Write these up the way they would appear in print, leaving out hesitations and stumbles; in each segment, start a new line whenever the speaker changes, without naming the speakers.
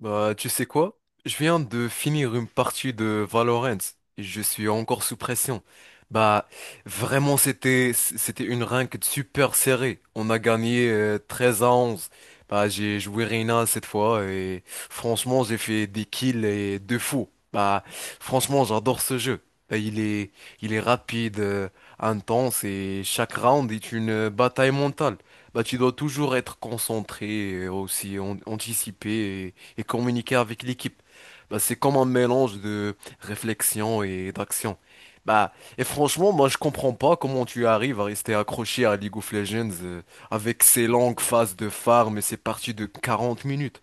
Tu sais quoi? Je viens de finir une partie de Valorant. Je suis encore sous pression. Bah, Vraiment, c'était une ranked super serrée. On a gagné 13 à 11. J'ai joué Reyna cette fois et franchement, j'ai fait des kills et deux fous. Franchement, j'adore ce jeu. Bah, il est, il est rapide, intense, et chaque round est une bataille mentale. Tu dois toujours être concentré, et aussi anticiper et communiquer avec l'équipe. C'est comme un mélange de réflexion et d'action. Et franchement, moi, je comprends pas comment tu arrives à rester accroché à League of Legends, avec ces longues phases de farm et ces parties de 40 minutes.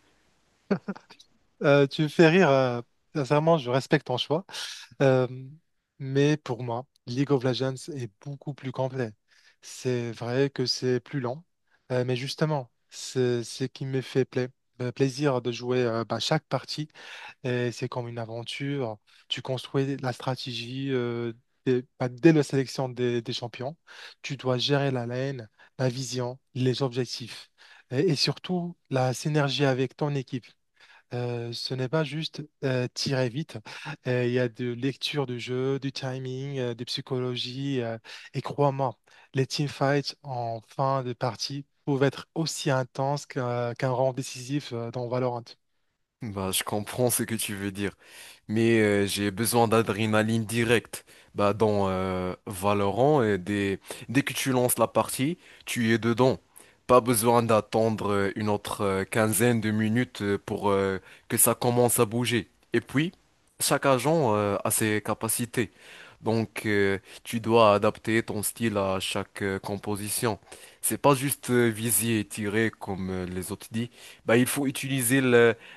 Tu me fais rire. Sincèrement, je respecte ton choix. Euh, mais pour moi, League of Legends est beaucoup plus complet. C'est vrai que c'est plus lent, mais justement, c'est ce qui me fait plaisir de jouer chaque partie. Et c'est comme une aventure. Tu construis la stratégie dès la sélection des champions. Tu dois gérer la lane, la vision, les objectifs et surtout la synergie avec ton équipe. Ce n'est pas juste tirer vite. Il y a de lecture de jeu, du timing, de psychologie. Et crois-moi, les teamfights en fin de partie peuvent être aussi intenses qu'un round décisif dans Valorant.
Je comprends ce que tu veux dire, mais j'ai besoin d'adrénaline directe. Dans Valorant, dès que tu lances la partie, tu es dedans. Pas besoin d'attendre une autre quinzaine de minutes pour que ça commence à bouger. Et puis, chaque agent a ses capacités. Donc, tu dois adapter ton style à chaque composition. C'est pas juste viser et tirer comme les autres disent. Il faut utiliser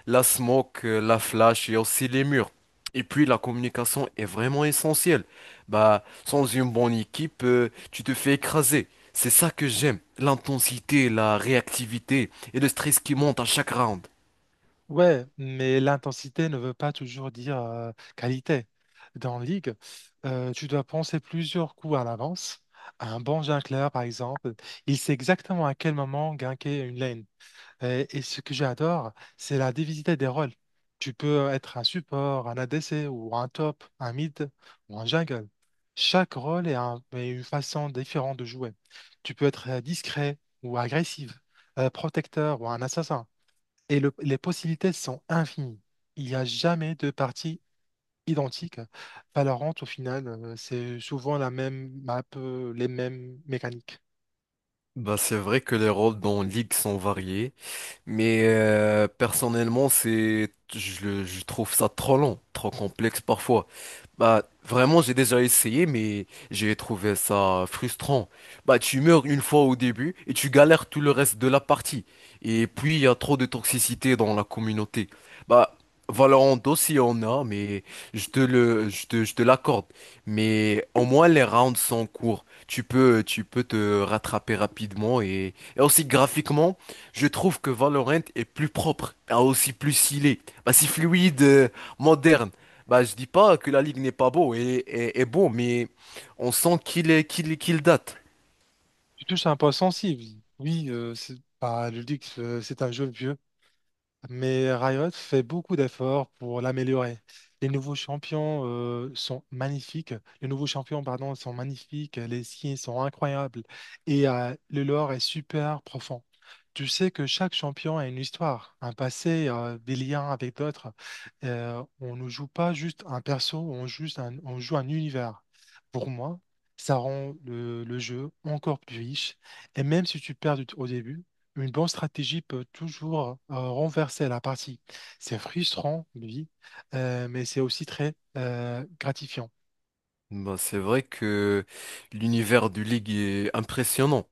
la smoke, la flash, il y a aussi les murs. Et puis la communication est vraiment essentielle. Sans une bonne équipe, tu te fais écraser. C'est ça que j'aime, l'intensité, la réactivité et le stress qui monte à chaque round.
Ouais, mais l'intensité ne veut pas toujours dire qualité. Dans League, tu dois penser plusieurs coups à l'avance. Un bon jungler, par exemple, il sait exactement à quel moment ganker une lane. Et ce que j'adore, c'est la diversité des rôles. Tu peux être un support, un ADC ou un top, un mid ou un jungle. Chaque rôle est une façon différente de jouer. Tu peux être discret ou agressif, protecteur ou un assassin. Et les possibilités sont infinies. Il n'y a jamais de partie identique. Valorant, au final, c'est souvent la même map, les mêmes mécaniques.
C'est vrai que les rôles dans League sont variés, mais personnellement, je trouve ça trop long, trop complexe parfois. Vraiment, j'ai déjà essayé, mais j'ai trouvé ça frustrant. Tu meurs une fois au début et tu galères tout le reste de la partie. Et puis, il y a trop de toxicité dans la communauté. Bah, Valorant aussi en a, mais je te le, je te l'accorde. Mais au moins, les rounds sont courts. Tu peux te rattraper rapidement et aussi graphiquement. Je trouve que Valorant est plus propre, a aussi plus stylé. C'est fluide, moderne. Je dis pas que la ligue n'est pas beau et beau, mais on sent qu'il est qu'il qu'il date.
Tu touches un point sensible. Oui, c'est pas le luxe, c'est un jeu vieux. Mais Riot fait beaucoup d'efforts pour l'améliorer. Les nouveaux champions sont magnifiques. Les nouveaux champions, pardon, sont magnifiques. Les skins sont incroyables. Et le lore est super profond. Tu sais que chaque champion a une histoire, un passé, des liens avec d'autres. On ne joue pas juste un perso, on joue un univers. Pour moi, ça rend le jeu encore plus riche. Et même si tu perds au début, une bonne stratégie peut toujours renverser la partie. C'est frustrant, lui, mais c'est aussi très gratifiant.
C'est vrai que l'univers du ligue est impressionnant.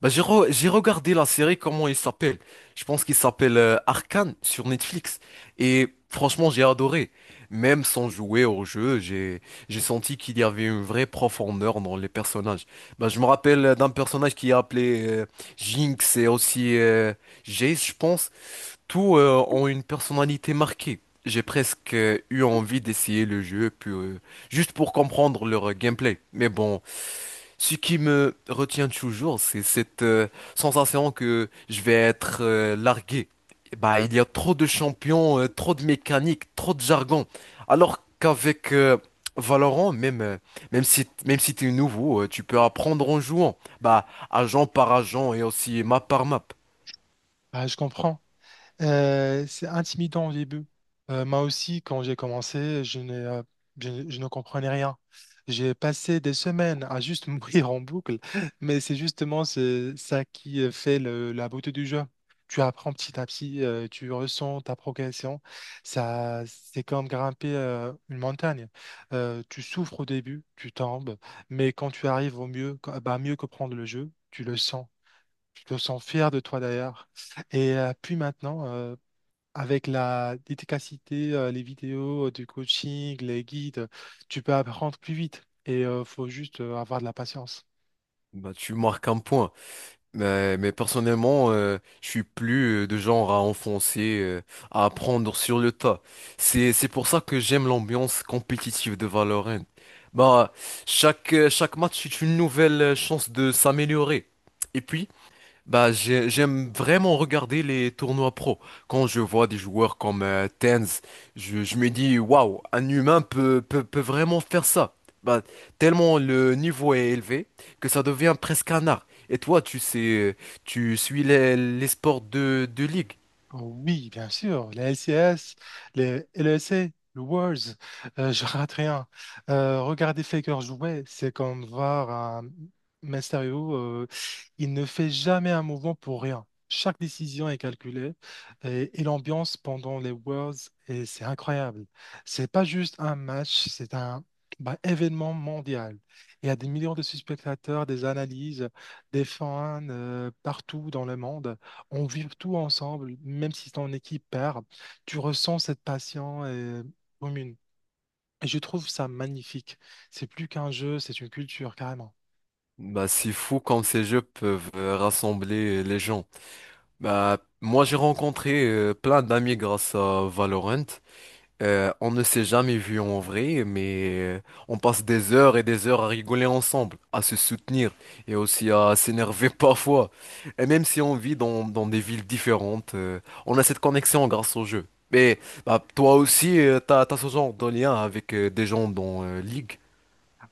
J'ai regardé la série, comment il s'appelle? Je pense qu'il s'appelle Arcane sur Netflix. Et franchement, j'ai adoré. Même sans jouer au jeu, j'ai senti qu'il y avait une vraie profondeur dans les personnages. Je me rappelle d'un personnage qui est appelé Jinx et aussi Jace, je pense. Tous ont une personnalité marquée. J'ai presque eu envie d'essayer le jeu, puis, juste pour comprendre leur gameplay. Mais bon, ce qui me retient toujours, c'est cette sensation que je vais être largué. Il y a trop de champions, trop de mécaniques, trop de jargon. Alors qu'avec Valorant, même si t'es nouveau, tu peux apprendre en jouant. Agent par agent et aussi map par map.
Ah, je comprends. C'est intimidant au début. Moi aussi, quand j'ai commencé, je n'ai, je ne comprenais rien. J'ai passé des semaines à juste mourir en boucle, mais c'est justement ça qui fait la beauté du jeu. Tu apprends petit à petit, tu ressens ta progression. Ça, c'est comme grimper une montagne. Tu souffres au début, tu tombes, mais quand tu arrives au mieux, bah, mieux comprendre le jeu, tu le sens. Tu te sens fier de toi d'ailleurs. Puis maintenant, avec la dédicacité, les vidéos, du coaching, les guides, tu peux apprendre plus vite et il faut juste avoir de la patience.
Tu marques un point. Mais personnellement, je suis plus de genre à enfoncer, à apprendre sur le tas. C'est pour ça que j'aime l'ambiance compétitive de Valorant. Bah, Chaque match est une nouvelle chance de s'améliorer. Et puis, j'aime vraiment regarder les tournois pro. Quand je vois des joueurs comme Tenz, je me dis, waouh, un humain peut vraiment faire ça. Bah, Tellement le niveau est élevé que ça devient presque un art. Et toi, tu sais, tu suis les sports de ligue.
Ah oui, bien sûr, les LCS, les LEC, le Worlds, je rate rien. Regarder Faker jouer, c'est comme voir un Mysterio, il ne fait jamais un mouvement pour rien. Chaque décision est calculée et l'ambiance pendant les Worlds, et c'est incroyable. C'est pas juste un match, c'est un bah, événement mondial. Il y a des millions de spectateurs, des analyses, des fans partout dans le monde on vit tout ensemble, même si c'est en équipe paire, tu ressens cette passion commune. Et je trouve ça magnifique. C'est plus qu'un jeu, c'est une culture, carrément.
C'est fou comme ces jeux peuvent rassembler les gens. Moi, j'ai rencontré plein d'amis grâce à Valorant. On ne s'est jamais vu en vrai, mais on passe des heures et des heures à rigoler ensemble, à se soutenir et aussi à s'énerver parfois. Et même si on vit dans des villes différentes, on a cette connexion grâce au jeu. Mais toi aussi, t'as ce genre de lien avec des gens dans League.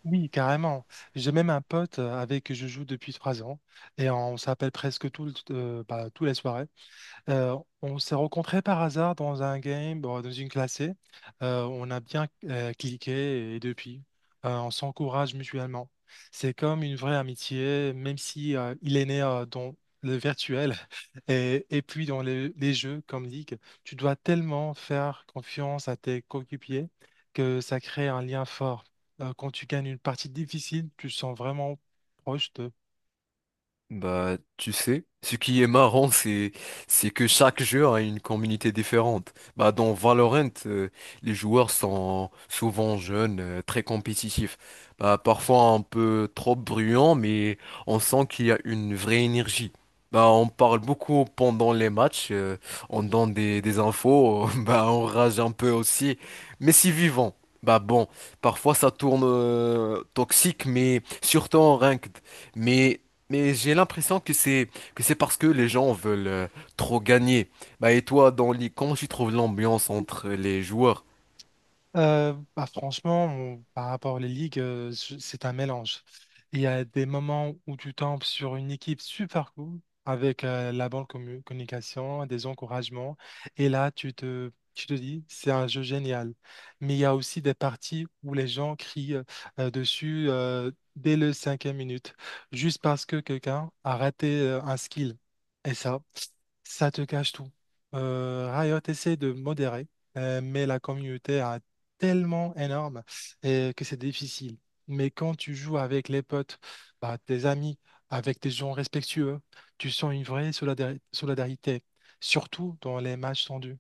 Oui, carrément. J'ai même un pote avec qui je joue depuis 3 ans et on s'appelle presque bah, tous les soirs. On s'est rencontrés par hasard dans un game, bon, dans une classée. On a bien cliqué et depuis, on s'encourage mutuellement. C'est comme une vraie amitié, même si il est né dans le virtuel et puis dans les jeux comme League. Tu dois tellement faire confiance à tes coéquipiers que ça crée un lien fort. Quand tu gagnes une partie difficile, tu te sens vraiment proche.
Tu sais, ce qui est marrant, c'est que chaque jeu a une communauté différente. Dans Valorant, les joueurs sont souvent jeunes, très compétitifs. Parfois un peu trop bruyants, mais on sent qu'il y a une vraie énergie. On parle beaucoup pendant les matchs, on donne des infos, on rage un peu aussi, mais si vivant. Bon, parfois ça tourne toxique, mais surtout en ranked. Mais mais j'ai l'impression que c'est parce que les gens veulent trop gagner. Et toi dans les, comment tu trouves l'ambiance entre les joueurs?
Franchement, par rapport aux ligues, c'est un mélange. Il y a des moments où tu tombes sur une équipe super cool avec la bonne communication, des encouragements, et là, tu te dis, c'est un jeu génial. Mais il y a aussi des parties où les gens crient dessus dès le cinquième minute, juste parce que quelqu'un a raté un skill. Et ça te cache tout. Riot essaie de modérer, mais la communauté a tellement énorme et que c'est difficile. Mais quand tu joues avec les potes, bah, tes amis, avec des gens respectueux, tu sens une vraie solidarité, surtout dans les matchs tendus.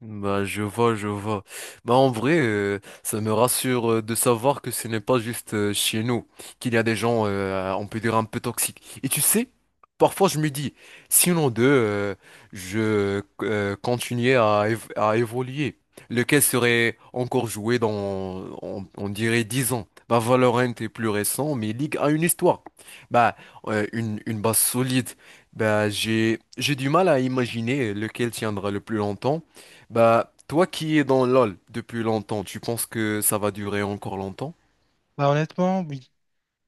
Je vois, je vois. En vrai, ça me rassure de savoir que ce n'est pas juste chez nous, qu'il y a des gens, on peut dire, un peu toxiques. Et tu sais, parfois je me dis, sinon d'eux, je continuais à évoluer, lequel serait encore joué dans, on dirait, 10 ans. Valorant est plus récent, mais League a une histoire. Bah, une base solide. J'ai du mal à imaginer lequel tiendra le plus longtemps. Toi qui es dans LoL depuis longtemps, tu penses que ça va durer encore longtemps?
Bah, honnêtement, oui,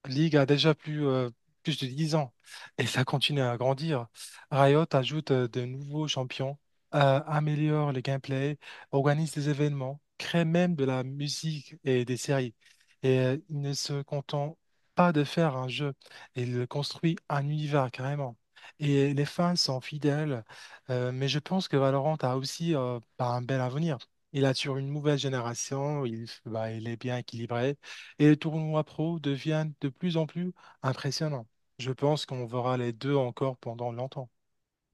League a déjà plus de 10 ans et ça continue à grandir. Riot ajoute de nouveaux champions, améliore le gameplay, organise des événements, crée même de la musique et des séries. Il ne se contente pas de faire un jeu, il construit un univers carrément. Et les fans sont fidèles, mais je pense que Valorant a aussi bah, un bel avenir. Il assure une nouvelle génération, il, bah, il est bien équilibré. Et les tournois pro deviennent de plus en plus impressionnants. Je pense qu'on verra les deux encore pendant longtemps.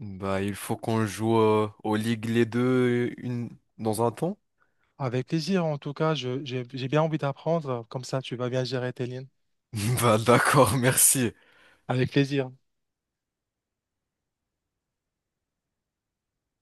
Il faut qu'on joue aux ligues les deux dans un temps?
Avec plaisir, en tout cas, j'ai j'ai bien envie d'apprendre. Comme ça, tu vas bien gérer tes lignes.
D'accord, merci.
Avec plaisir.